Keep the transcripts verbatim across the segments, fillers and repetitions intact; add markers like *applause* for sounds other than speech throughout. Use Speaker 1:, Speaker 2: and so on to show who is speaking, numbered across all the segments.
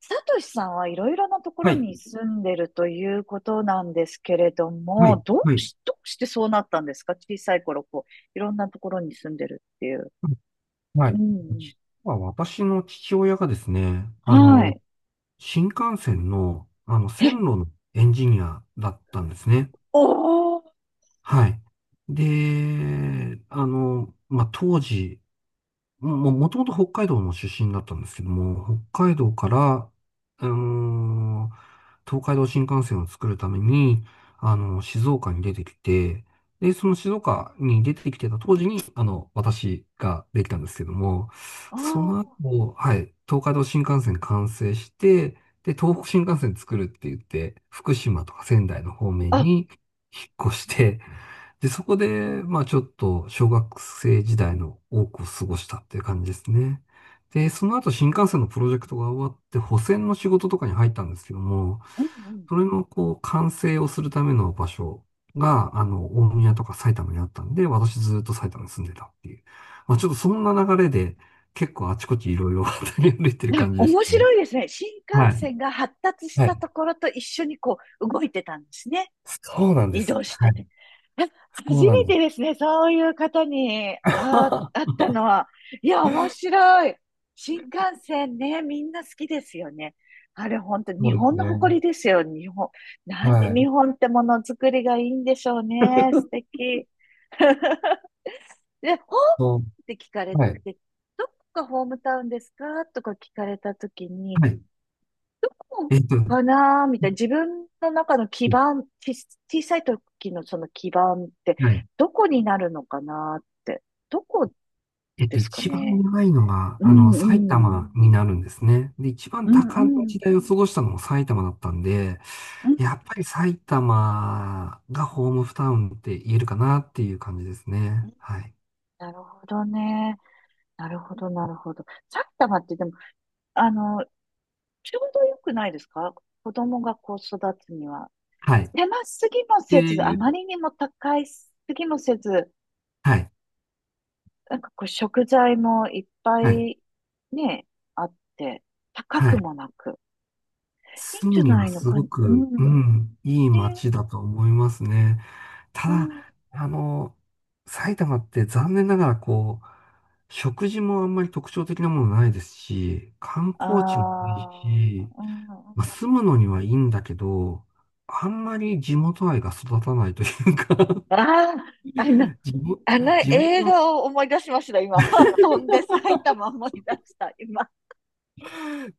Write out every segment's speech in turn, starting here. Speaker 1: サトシさんはいろいろなとこ
Speaker 2: は
Speaker 1: ろ
Speaker 2: い、
Speaker 1: に住んでるということなんですけれど
Speaker 2: は
Speaker 1: も、
Speaker 2: い、
Speaker 1: どう
Speaker 2: はい、
Speaker 1: し、どうしてそうなったんですか、小さい頃、こう、いろんなところに住んでるっていう。
Speaker 2: は
Speaker 1: う
Speaker 2: い。
Speaker 1: んう
Speaker 2: 実は私の父親がですね、
Speaker 1: ん。
Speaker 2: あ
Speaker 1: は
Speaker 2: の、
Speaker 1: い。
Speaker 2: 新幹線の、あの、線
Speaker 1: え、
Speaker 2: 路のエンジニアだったんですね。
Speaker 1: おー、
Speaker 2: はい。で、あの、まあ、当時、も、もともと北海道の出身だったんですけども、北海道から、あのー東海道新幹線を作るために、あの静岡に出てきて、で、その静岡に出てきてた当時に、あの、私ができたんですけども、
Speaker 1: あ
Speaker 2: そ
Speaker 1: ー、
Speaker 2: の後、はい、東海道新幹線完成して、で、東北新幹線作るって言って、福島とか仙台の方面
Speaker 1: あ、
Speaker 2: に引っ越して、で、そこで、まあちょっと小学生時代の多くを過ごしたっていう感じですね。で、その後新幹線のプロジェクトが終わって、保線の仕事とかに入ったんですけども、
Speaker 1: うんうん。
Speaker 2: それのこう、完成をするための場所が、あの、大宮とか埼玉にあったんで、私ずっと埼玉に住んでたっていう。まあちょっとそんな流れで、結構あちこちいろいろ渡り歩いてる
Speaker 1: なんか
Speaker 2: 感じでし
Speaker 1: 面
Speaker 2: たね。
Speaker 1: 白いですね。新
Speaker 2: は
Speaker 1: 幹
Speaker 2: い。
Speaker 1: 線が発達し
Speaker 2: は
Speaker 1: た
Speaker 2: い。
Speaker 1: ところと一緒にこう、動いてたんですね。
Speaker 2: そうなんで
Speaker 1: 移
Speaker 2: す。
Speaker 1: 動し
Speaker 2: は
Speaker 1: て
Speaker 2: い。
Speaker 1: て。
Speaker 2: そ
Speaker 1: 初
Speaker 2: うなん
Speaker 1: め
Speaker 2: で
Speaker 1: て
Speaker 2: す。
Speaker 1: ですね、そういう方に、あ、あっ
Speaker 2: *laughs*
Speaker 1: たのは。いや、面白い。新幹線ね、みんな好きですよね。あれ、本当
Speaker 2: そ
Speaker 1: 日
Speaker 2: うです
Speaker 1: 本の誇
Speaker 2: ね。
Speaker 1: りですよ、日本。なんで
Speaker 2: は
Speaker 1: 日
Speaker 2: い。
Speaker 1: 本ってものづくりがいいんでしょうね。素敵。*laughs* で、ホー
Speaker 2: そ
Speaker 1: ムって聞かれ
Speaker 2: う。
Speaker 1: て、
Speaker 2: はい。
Speaker 1: どこがホームタウンですかとか聞かれたときに、
Speaker 2: はい。えっと、
Speaker 1: かなーみたいな。自分の中の基
Speaker 2: うん
Speaker 1: 盤、ち、小さい時のその基盤って、
Speaker 2: はい。
Speaker 1: どこになるのかなーって。どこ
Speaker 2: えっ
Speaker 1: で
Speaker 2: と、
Speaker 1: すか
Speaker 2: 一番
Speaker 1: ね。
Speaker 2: 長いのが、
Speaker 1: う
Speaker 2: あの、
Speaker 1: んう
Speaker 2: 埼
Speaker 1: ん。
Speaker 2: 玉になるんですね。で、一番
Speaker 1: う
Speaker 2: 多感な
Speaker 1: んうん。
Speaker 2: 時代を過ごしたのも埼玉だったんで、
Speaker 1: うん
Speaker 2: やっぱり埼玉がホームタウンって言えるかなっていう感じです
Speaker 1: う
Speaker 2: ね。
Speaker 1: ん。
Speaker 2: はい。
Speaker 1: なるほどね。なるほど、なるほど。埼玉ってでも、あの、ちょうどよくないですか、子供がこう育つには。
Speaker 2: はい。
Speaker 1: 狭すぎも
Speaker 2: で、
Speaker 1: せず、あまりにも高いすぎもせず、
Speaker 2: はい。
Speaker 1: なんかこう食材もいっぱ
Speaker 2: はい。
Speaker 1: いね、あって、高
Speaker 2: は
Speaker 1: く
Speaker 2: い。
Speaker 1: もなく、いいん
Speaker 2: 住
Speaker 1: じ
Speaker 2: む
Speaker 1: ゃ
Speaker 2: に
Speaker 1: な
Speaker 2: は
Speaker 1: いの
Speaker 2: す
Speaker 1: か、う
Speaker 2: ご
Speaker 1: ん。
Speaker 2: く、うん、いい
Speaker 1: ね。
Speaker 2: 街だと思いますね。た
Speaker 1: うん。
Speaker 2: だ、あの、埼玉って残念ながらこう、食事もあんまり特徴的なものないですし、観光地もいい
Speaker 1: あー、
Speaker 2: し、
Speaker 1: うん。
Speaker 2: まあ、住むのにはいいんだけど、あんまり地元愛が育たないというか
Speaker 1: あー、あの、
Speaker 2: *laughs* 地元、
Speaker 1: あの
Speaker 2: 地元、
Speaker 1: 映画を思い出しました、今。*laughs* 飛んで埼玉思い出した、今。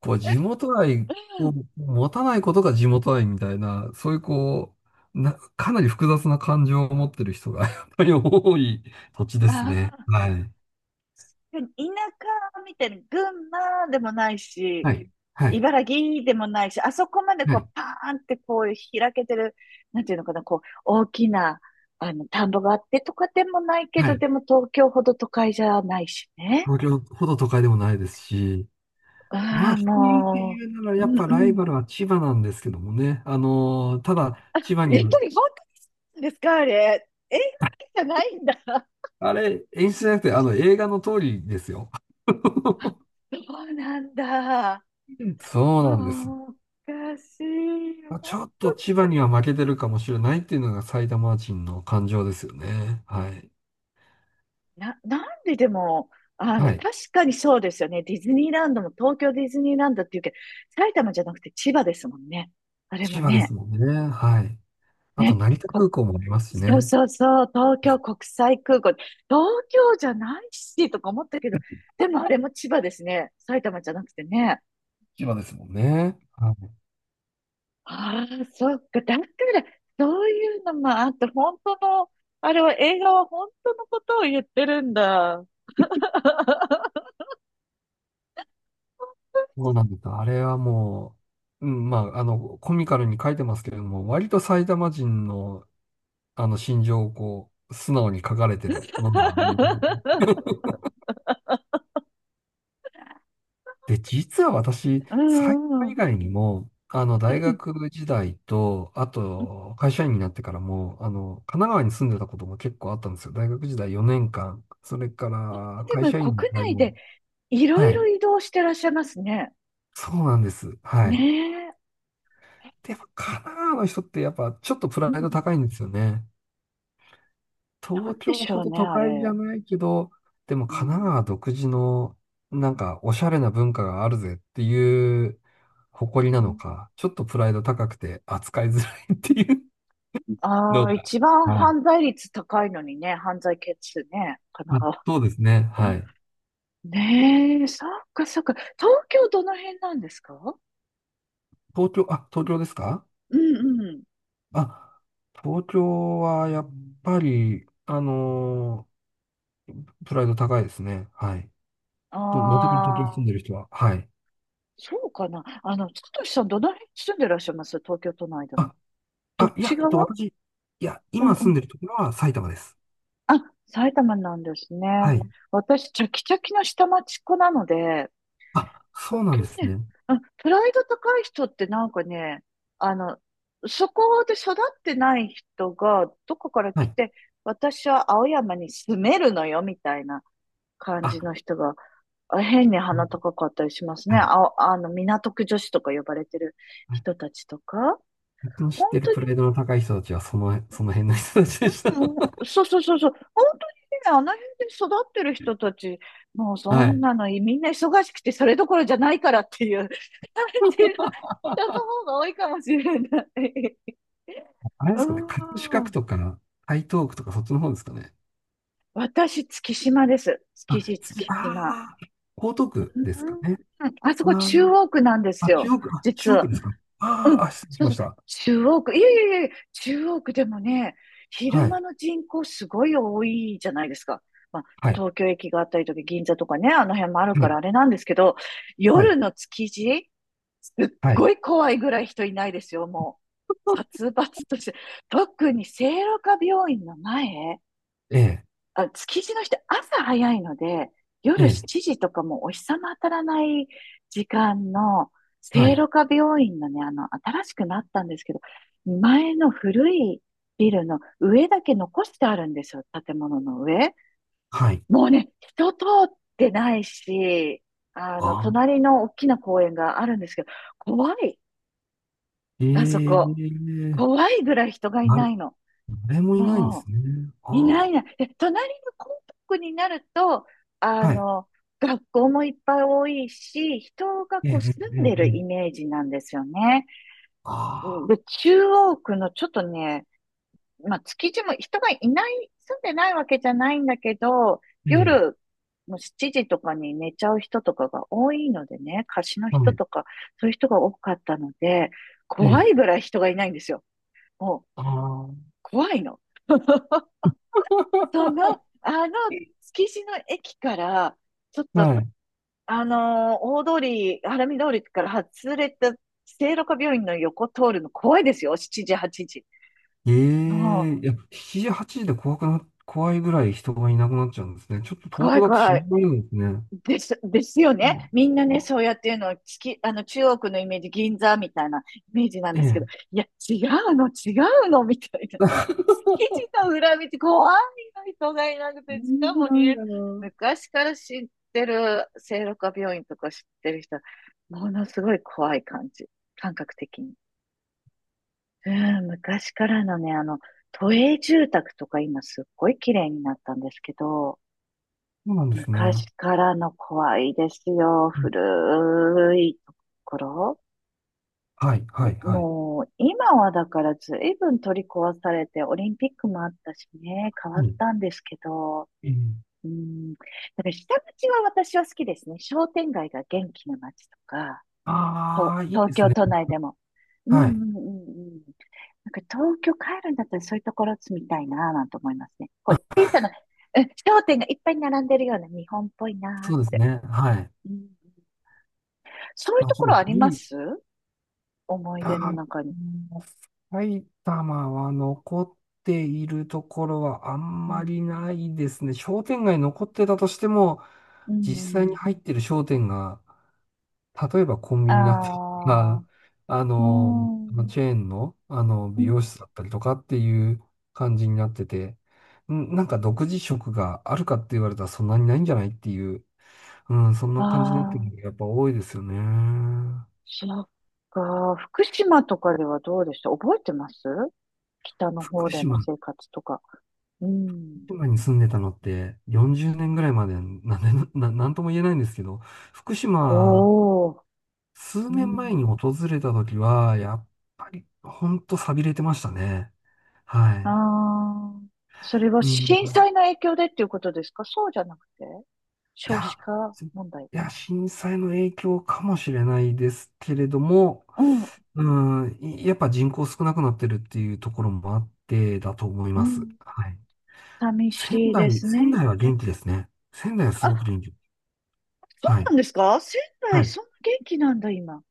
Speaker 2: こう、地元愛
Speaker 1: う
Speaker 2: を
Speaker 1: ん。
Speaker 2: 持たないことが地元愛みたいな、そういうこう、な、かなり複雑な感情を持ってる人が *laughs* やっぱり多い土地です
Speaker 1: あ
Speaker 2: ね。
Speaker 1: あ、
Speaker 2: はい。
Speaker 1: でも田舎みたいな、群馬でもないし、
Speaker 2: はい。はい。
Speaker 1: 茨城でもないし、あそこまで
Speaker 2: は
Speaker 1: こう、
Speaker 2: い。
Speaker 1: パーンってこう、開けてる、なんていうのかな、こう、大きな、あの、田んぼがあってとかでもないけ
Speaker 2: は
Speaker 1: ど、
Speaker 2: い。
Speaker 1: でも東京ほど都会じゃないしね。
Speaker 2: 東京ほど都会でもないですし、ま
Speaker 1: あ
Speaker 2: あ、
Speaker 1: あ、
Speaker 2: 人って
Speaker 1: も
Speaker 2: いうなら、
Speaker 1: う、う
Speaker 2: やっ
Speaker 1: ん
Speaker 2: ぱ
Speaker 1: う
Speaker 2: ライバ
Speaker 1: ん。
Speaker 2: ルは千葉なんですけどもね。あのーただ、
Speaker 1: やっぱり本
Speaker 2: 千葉にも
Speaker 1: 当なんですか、あれ。映画だけじゃないんだ。
Speaker 2: あれ、演出じゃなくて、あの、映画の通りですよ。*laughs*
Speaker 1: そうなんだ。
Speaker 2: そうなんです。
Speaker 1: もう、おかしい。
Speaker 2: まあちょっと千葉には負けてるかもしれないっていうのが埼玉人の感情ですよね。はい。
Speaker 1: な、なんででも、あの、
Speaker 2: はい。
Speaker 1: 確かにそうですよね。ディズニーランドも東京ディズニーランドっていうけど、埼玉じゃなくて千葉ですもんね。あれも
Speaker 2: 千葉で
Speaker 1: ね。
Speaker 2: すもんね。はい。あと、
Speaker 1: ね、
Speaker 2: 成田
Speaker 1: こ、
Speaker 2: 空港もありますし
Speaker 1: そう
Speaker 2: ね。
Speaker 1: そうそう、東京国際空港。東京じゃないし、とか思ったけど、でもあれも千葉ですね。埼玉じゃなくてね。
Speaker 2: 千葉ですもんね。はい
Speaker 1: ああ、そっか。だから、そういうのもあって、本当の、あれは映画は本当のことを言ってるんだ。
Speaker 2: そうなんです。あれはもう、うん、まあ、あの、コミカルに書いてますけれども、割と埼玉人の、あの、心情をこう、素直に書かれてるものがあります。
Speaker 1: *laughs*
Speaker 2: で、実は私、
Speaker 1: う
Speaker 2: 埼
Speaker 1: んう
Speaker 2: 玉以
Speaker 1: ん。
Speaker 2: 外にも、あの、大学時代と、あと、会社員になってからも、あの、神奈川に住んでたことも結構あったんですよ。大学時代よねんかん、それから
Speaker 1: で
Speaker 2: 会
Speaker 1: も
Speaker 2: 社員の時
Speaker 1: 国
Speaker 2: 代
Speaker 1: 内
Speaker 2: も、
Speaker 1: でいろ
Speaker 2: は
Speaker 1: い
Speaker 2: い、
Speaker 1: ろ移動してらっしゃいますね。
Speaker 2: そうなんです。は
Speaker 1: ね
Speaker 2: い。
Speaker 1: え。
Speaker 2: で、やっぱ神奈川の人ってやっぱちょっとプ
Speaker 1: う
Speaker 2: ラ
Speaker 1: んう
Speaker 2: イド
Speaker 1: ん。
Speaker 2: 高いんですよね。
Speaker 1: な
Speaker 2: 東
Speaker 1: んで
Speaker 2: 京
Speaker 1: し
Speaker 2: ほ
Speaker 1: ょう
Speaker 2: ど
Speaker 1: ね、
Speaker 2: 都
Speaker 1: あ
Speaker 2: 会じ
Speaker 1: れ。
Speaker 2: ゃないけど、でも
Speaker 1: う
Speaker 2: 神奈川
Speaker 1: ん。
Speaker 2: 独自のなんかおしゃれな文化があるぜっていう誇りな
Speaker 1: う
Speaker 2: の
Speaker 1: ん。
Speaker 2: か、ちょっとプライド高くて扱いづらいっていう
Speaker 1: あ
Speaker 2: の
Speaker 1: あ、
Speaker 2: が。
Speaker 1: 一番
Speaker 2: はい。
Speaker 1: 犯罪率高いのにね、犯罪件数ね、神奈
Speaker 2: あ、
Speaker 1: 川。
Speaker 2: そうですね。はい。
Speaker 1: ねえ、そっかそっか。東京どの辺なんですか。
Speaker 2: 東京、あ、東京ですか
Speaker 1: うんうん。
Speaker 2: あ、東京はやっぱり、あのープライド高いですね。はい。
Speaker 1: あ
Speaker 2: と、茂木に東京に住
Speaker 1: あ、
Speaker 2: んでる人は。はい。
Speaker 1: そうかな。あの、つとしさんどの辺住んでらっしゃいます、東京都内でも。
Speaker 2: あ、
Speaker 1: どっ
Speaker 2: あ、い
Speaker 1: ち
Speaker 2: や、えっと、
Speaker 1: 側。
Speaker 2: 私、いや、
Speaker 1: うん
Speaker 2: 今
Speaker 1: う
Speaker 2: 住ん
Speaker 1: ん。
Speaker 2: でるところは埼玉です。
Speaker 1: あ、埼玉なんです
Speaker 2: は
Speaker 1: ね。
Speaker 2: い。
Speaker 1: 私、チャキチャキの下町っ子なので、
Speaker 2: あ、そ
Speaker 1: 東
Speaker 2: うなんです
Speaker 1: 京ね、
Speaker 2: ね。
Speaker 1: うん、プライド高い人ってなんかね、あの、そこで育ってない人が、どこから
Speaker 2: は
Speaker 1: 来
Speaker 2: い。
Speaker 1: て、私は青山に住めるのよ、みたいな感じ
Speaker 2: あ、
Speaker 1: の人が、あ、変に
Speaker 2: う
Speaker 1: 鼻
Speaker 2: ん
Speaker 1: 高かったりしますね。
Speaker 2: はい。
Speaker 1: あ、あの、港区女子とか呼ばれてる
Speaker 2: はい
Speaker 1: 人たちとか。
Speaker 2: 僕の知っ
Speaker 1: 本
Speaker 2: てる
Speaker 1: 当、
Speaker 2: プライドの高い人たちは、その、その辺の人たちでした。
Speaker 1: う
Speaker 2: *laughs*
Speaker 1: ん、そうそうそうそう。本当にね、あの辺で育ってる人たち、もうそ
Speaker 2: は
Speaker 1: ん
Speaker 2: い。
Speaker 1: なのみんな忙しくてそれどころじゃないからっていう *laughs* 感じの人の方が多いかもしれない。
Speaker 2: あれで
Speaker 1: う
Speaker 2: すかね、葛飾区
Speaker 1: ん。
Speaker 2: とか、台東区とか、そっちの方ですかね。
Speaker 1: 私、月島です。築
Speaker 2: あ、
Speaker 1: 地、
Speaker 2: 次、
Speaker 1: 月島。
Speaker 2: あー、江東区
Speaker 1: う
Speaker 2: ですか
Speaker 1: ん。
Speaker 2: ね。
Speaker 1: あそ
Speaker 2: あ
Speaker 1: こ
Speaker 2: ー、
Speaker 1: 中央区なんです
Speaker 2: あ、中
Speaker 1: よ。
Speaker 2: 央区、あ、
Speaker 1: 実
Speaker 2: 中央区
Speaker 1: は。
Speaker 2: ですか。
Speaker 1: う
Speaker 2: あー、
Speaker 1: ん、
Speaker 2: あ、失礼
Speaker 1: そ
Speaker 2: し
Speaker 1: う
Speaker 2: ま
Speaker 1: そう、
Speaker 2: した。
Speaker 1: 中央区、いやいやいやいや、中央区でもね、昼
Speaker 2: は
Speaker 1: 間
Speaker 2: い。
Speaker 1: の人口すごい多いじゃないですか。まあ、
Speaker 2: はい。
Speaker 1: 東京駅があったりとか、銀座とかね、あの辺もある
Speaker 2: は
Speaker 1: か
Speaker 2: い。
Speaker 1: らあれなんですけど、
Speaker 2: はい。
Speaker 1: 夜の築地、すっ
Speaker 2: はい。
Speaker 1: ごい怖いぐらい人いないですよ、もう。殺伐として。特に聖路加病院の前、
Speaker 2: ええ、
Speaker 1: あ、築地の人、朝早いので、
Speaker 2: え
Speaker 1: 夜
Speaker 2: え、
Speaker 1: しちじとかもうお日様当たらない時間の、
Speaker 2: は
Speaker 1: 聖
Speaker 2: い。
Speaker 1: 路加病院のね、あの、新しくなったんですけど、前の古いビルの上だけ残してあるんですよ、建物の上。
Speaker 2: はい。
Speaker 1: もうね、人通ってないし、あの、
Speaker 2: あー、
Speaker 1: 隣の大きな公園があるんですけど、怖い、
Speaker 2: え
Speaker 1: あそこ。
Speaker 2: え、
Speaker 1: 怖いぐらい人がい
Speaker 2: あ
Speaker 1: な
Speaker 2: れ、
Speaker 1: いの。
Speaker 2: 誰もいないんです
Speaker 1: も
Speaker 2: ね。
Speaker 1: い
Speaker 2: あ
Speaker 1: ない
Speaker 2: ー。
Speaker 1: いない。え、隣のコンパクトになると、あ
Speaker 2: はい
Speaker 1: の、学校もいっぱい多いし、人が
Speaker 2: ええ、
Speaker 1: こう
Speaker 2: ええ、
Speaker 1: 住んでる
Speaker 2: ええ。
Speaker 1: イメージなんですよね。
Speaker 2: あ
Speaker 1: で、
Speaker 2: あ、
Speaker 1: 中央区のちょっとね、まあ、築地も人がいない、住んでないわけじゃないんだけど、
Speaker 2: ええ、
Speaker 1: 夜もうしちじとかに寝ちゃう人とかが多いのでね、貸しの
Speaker 2: は
Speaker 1: 人
Speaker 2: い、
Speaker 1: とか、そういう人が多かったので、
Speaker 2: え
Speaker 1: 怖
Speaker 2: え、
Speaker 1: いぐらい人がいないんですよ。もう、
Speaker 2: ああ、
Speaker 1: 怖いの。*laughs* その、あの、築地の駅から、ちょっと、
Speaker 2: はい。
Speaker 1: あのー大通り、晴海通りから外れた、聖路加病院の横通るの怖いですよ。しちじ、はちじ。
Speaker 2: え
Speaker 1: も
Speaker 2: え、
Speaker 1: う、
Speaker 2: いや、しちじ、はちじで怖くな、怖いぐらい人がいなくなっちゃうんですね。ちょっと東
Speaker 1: 怖
Speaker 2: 京
Speaker 1: い、
Speaker 2: だと心
Speaker 1: 怖
Speaker 2: 配なんですね。
Speaker 1: です、ですよね。
Speaker 2: あ
Speaker 1: みんなね、
Speaker 2: あ、
Speaker 1: そうやっていうのは、つき、あの、中国のイメージ、銀座みたいなイメージなん
Speaker 2: え
Speaker 1: ですけど、
Speaker 2: え。
Speaker 1: いや、違うの、違うの、みたいな。
Speaker 2: *laughs*
Speaker 1: 築地の裏道、怖いの、人がいなくて、し
Speaker 2: 信じ
Speaker 1: かも
Speaker 2: られ
Speaker 1: ね、
Speaker 2: ないな。
Speaker 1: 昔から知ってる、聖路加病院とか知ってる人、ものすごい怖い感じ、感覚的に。うん、昔からのね、あの、都営住宅とか今すっごい綺麗になったんですけど、
Speaker 2: そうなんですね。
Speaker 1: 昔からの怖いですよ。
Speaker 2: うん
Speaker 1: 古いところ。
Speaker 2: はい、はい、はい。
Speaker 1: もう、今はだから随分取り壊されて、オリンピックもあったしね、変わっ
Speaker 2: うん。
Speaker 1: たんですけど、
Speaker 2: ええ
Speaker 1: うん、だから下町は私は好きですね。商店街が元気な街とか、
Speaker 2: あ
Speaker 1: と、
Speaker 2: あ、いい
Speaker 1: 東
Speaker 2: です
Speaker 1: 京
Speaker 2: ね。
Speaker 1: 都内でも。うんう
Speaker 2: はい。
Speaker 1: んうんうん。なんか東京帰るんだったらそういうところ住みたいなぁなんて思いますね。こう、小さな、うん、商店がいっぱい並んでるような日本っぽいな
Speaker 2: そうですね。はい。
Speaker 1: ぁ。うん、そういう
Speaker 2: まあ、
Speaker 1: と
Speaker 2: ち
Speaker 1: こ
Speaker 2: ょっ
Speaker 1: ろあ
Speaker 2: と
Speaker 1: りま
Speaker 2: 古い
Speaker 1: す、思い
Speaker 2: あ
Speaker 1: 出の
Speaker 2: ー
Speaker 1: 中に。
Speaker 2: もう埼玉は残っているところはあん
Speaker 1: う
Speaker 2: ま
Speaker 1: ん。
Speaker 2: りないですね。商店街残ってたとしても、
Speaker 1: う
Speaker 2: 実際に
Speaker 1: ん。
Speaker 2: 入ってる商店が、例えばコンビニだったりと
Speaker 1: ああ、
Speaker 2: か、あ
Speaker 1: う
Speaker 2: の、あの
Speaker 1: ん。
Speaker 2: チェーンの、あの
Speaker 1: う
Speaker 2: 美容
Speaker 1: ん。
Speaker 2: 室だったりとかっていう感じになってて、んなんか独自色があるかって言われたらそんなにないんじゃないっていう、うん、そん
Speaker 1: あ
Speaker 2: な感じになって
Speaker 1: あ
Speaker 2: る
Speaker 1: ー、
Speaker 2: のがやっぱ多いですよね。
Speaker 1: そっか。福島とかではどうでした、覚えてます、北の
Speaker 2: 福
Speaker 1: 方での
Speaker 2: 島
Speaker 1: 生活とか。うん。
Speaker 2: 島に住んでたのってよんじゅうねんぐらいまでなんで、な、なんとも言えないんですけど、福島、
Speaker 1: おお。
Speaker 2: 数
Speaker 1: う
Speaker 2: 年前に
Speaker 1: ん。
Speaker 2: 訪れた時は、やっぱり、ほんと寂れてましたね。は
Speaker 1: あ
Speaker 2: い。
Speaker 1: あ。それは
Speaker 2: う
Speaker 1: 震
Speaker 2: ん。
Speaker 1: 災の影響でっていうことですか、そうじゃなくて
Speaker 2: い
Speaker 1: 少子
Speaker 2: や、
Speaker 1: 化
Speaker 2: すい
Speaker 1: 問題。
Speaker 2: や、震災の影響かもしれないですけれども、
Speaker 1: うん。
Speaker 2: うん、いやっぱ人口少なくなってるっていうところもあってだと思い
Speaker 1: う
Speaker 2: ます。
Speaker 1: ん。
Speaker 2: はい。
Speaker 1: 寂
Speaker 2: 仙
Speaker 1: しいで
Speaker 2: 台、
Speaker 1: すね。
Speaker 2: 仙台は元気ですね。仙台はすごく
Speaker 1: あ、
Speaker 2: 元気。は
Speaker 1: な
Speaker 2: い。
Speaker 1: んですか仙
Speaker 2: は
Speaker 1: 台、
Speaker 2: い
Speaker 1: そんな元気なんだ、今。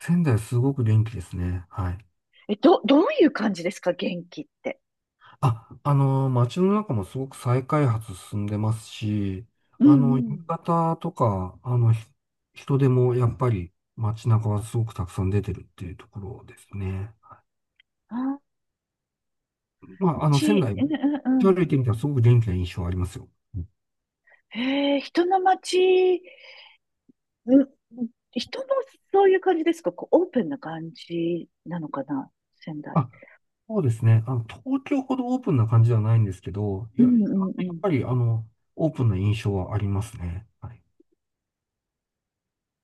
Speaker 2: 仙台すごく元気ですね。はい。
Speaker 1: え、ど、どういう感じですか元気って。
Speaker 2: あ、あの、街の中もすごく再開発進んでますし、
Speaker 1: うん
Speaker 2: あ
Speaker 1: う
Speaker 2: の、夕
Speaker 1: ん。
Speaker 2: 方とか、あの、ひ人でもやっぱり街中はすごくたくさん出てるっていうところですね。
Speaker 1: あ、
Speaker 2: まあ、あの、仙
Speaker 1: ち、
Speaker 2: 台、
Speaker 1: うんうんうん。
Speaker 2: 歩いてみたらすごく元気な印象ありますよ。
Speaker 1: へえ、人の街、うん、人のそういう感じですか、こう、オープンな感じなのかな、仙台。
Speaker 2: あ、そうですね。あの、東京ほどオープンな感じではないんですけど、い
Speaker 1: う
Speaker 2: や、
Speaker 1: んう
Speaker 2: やっ
Speaker 1: ん
Speaker 2: ぱり、あの、オープンな印象はありますね。はい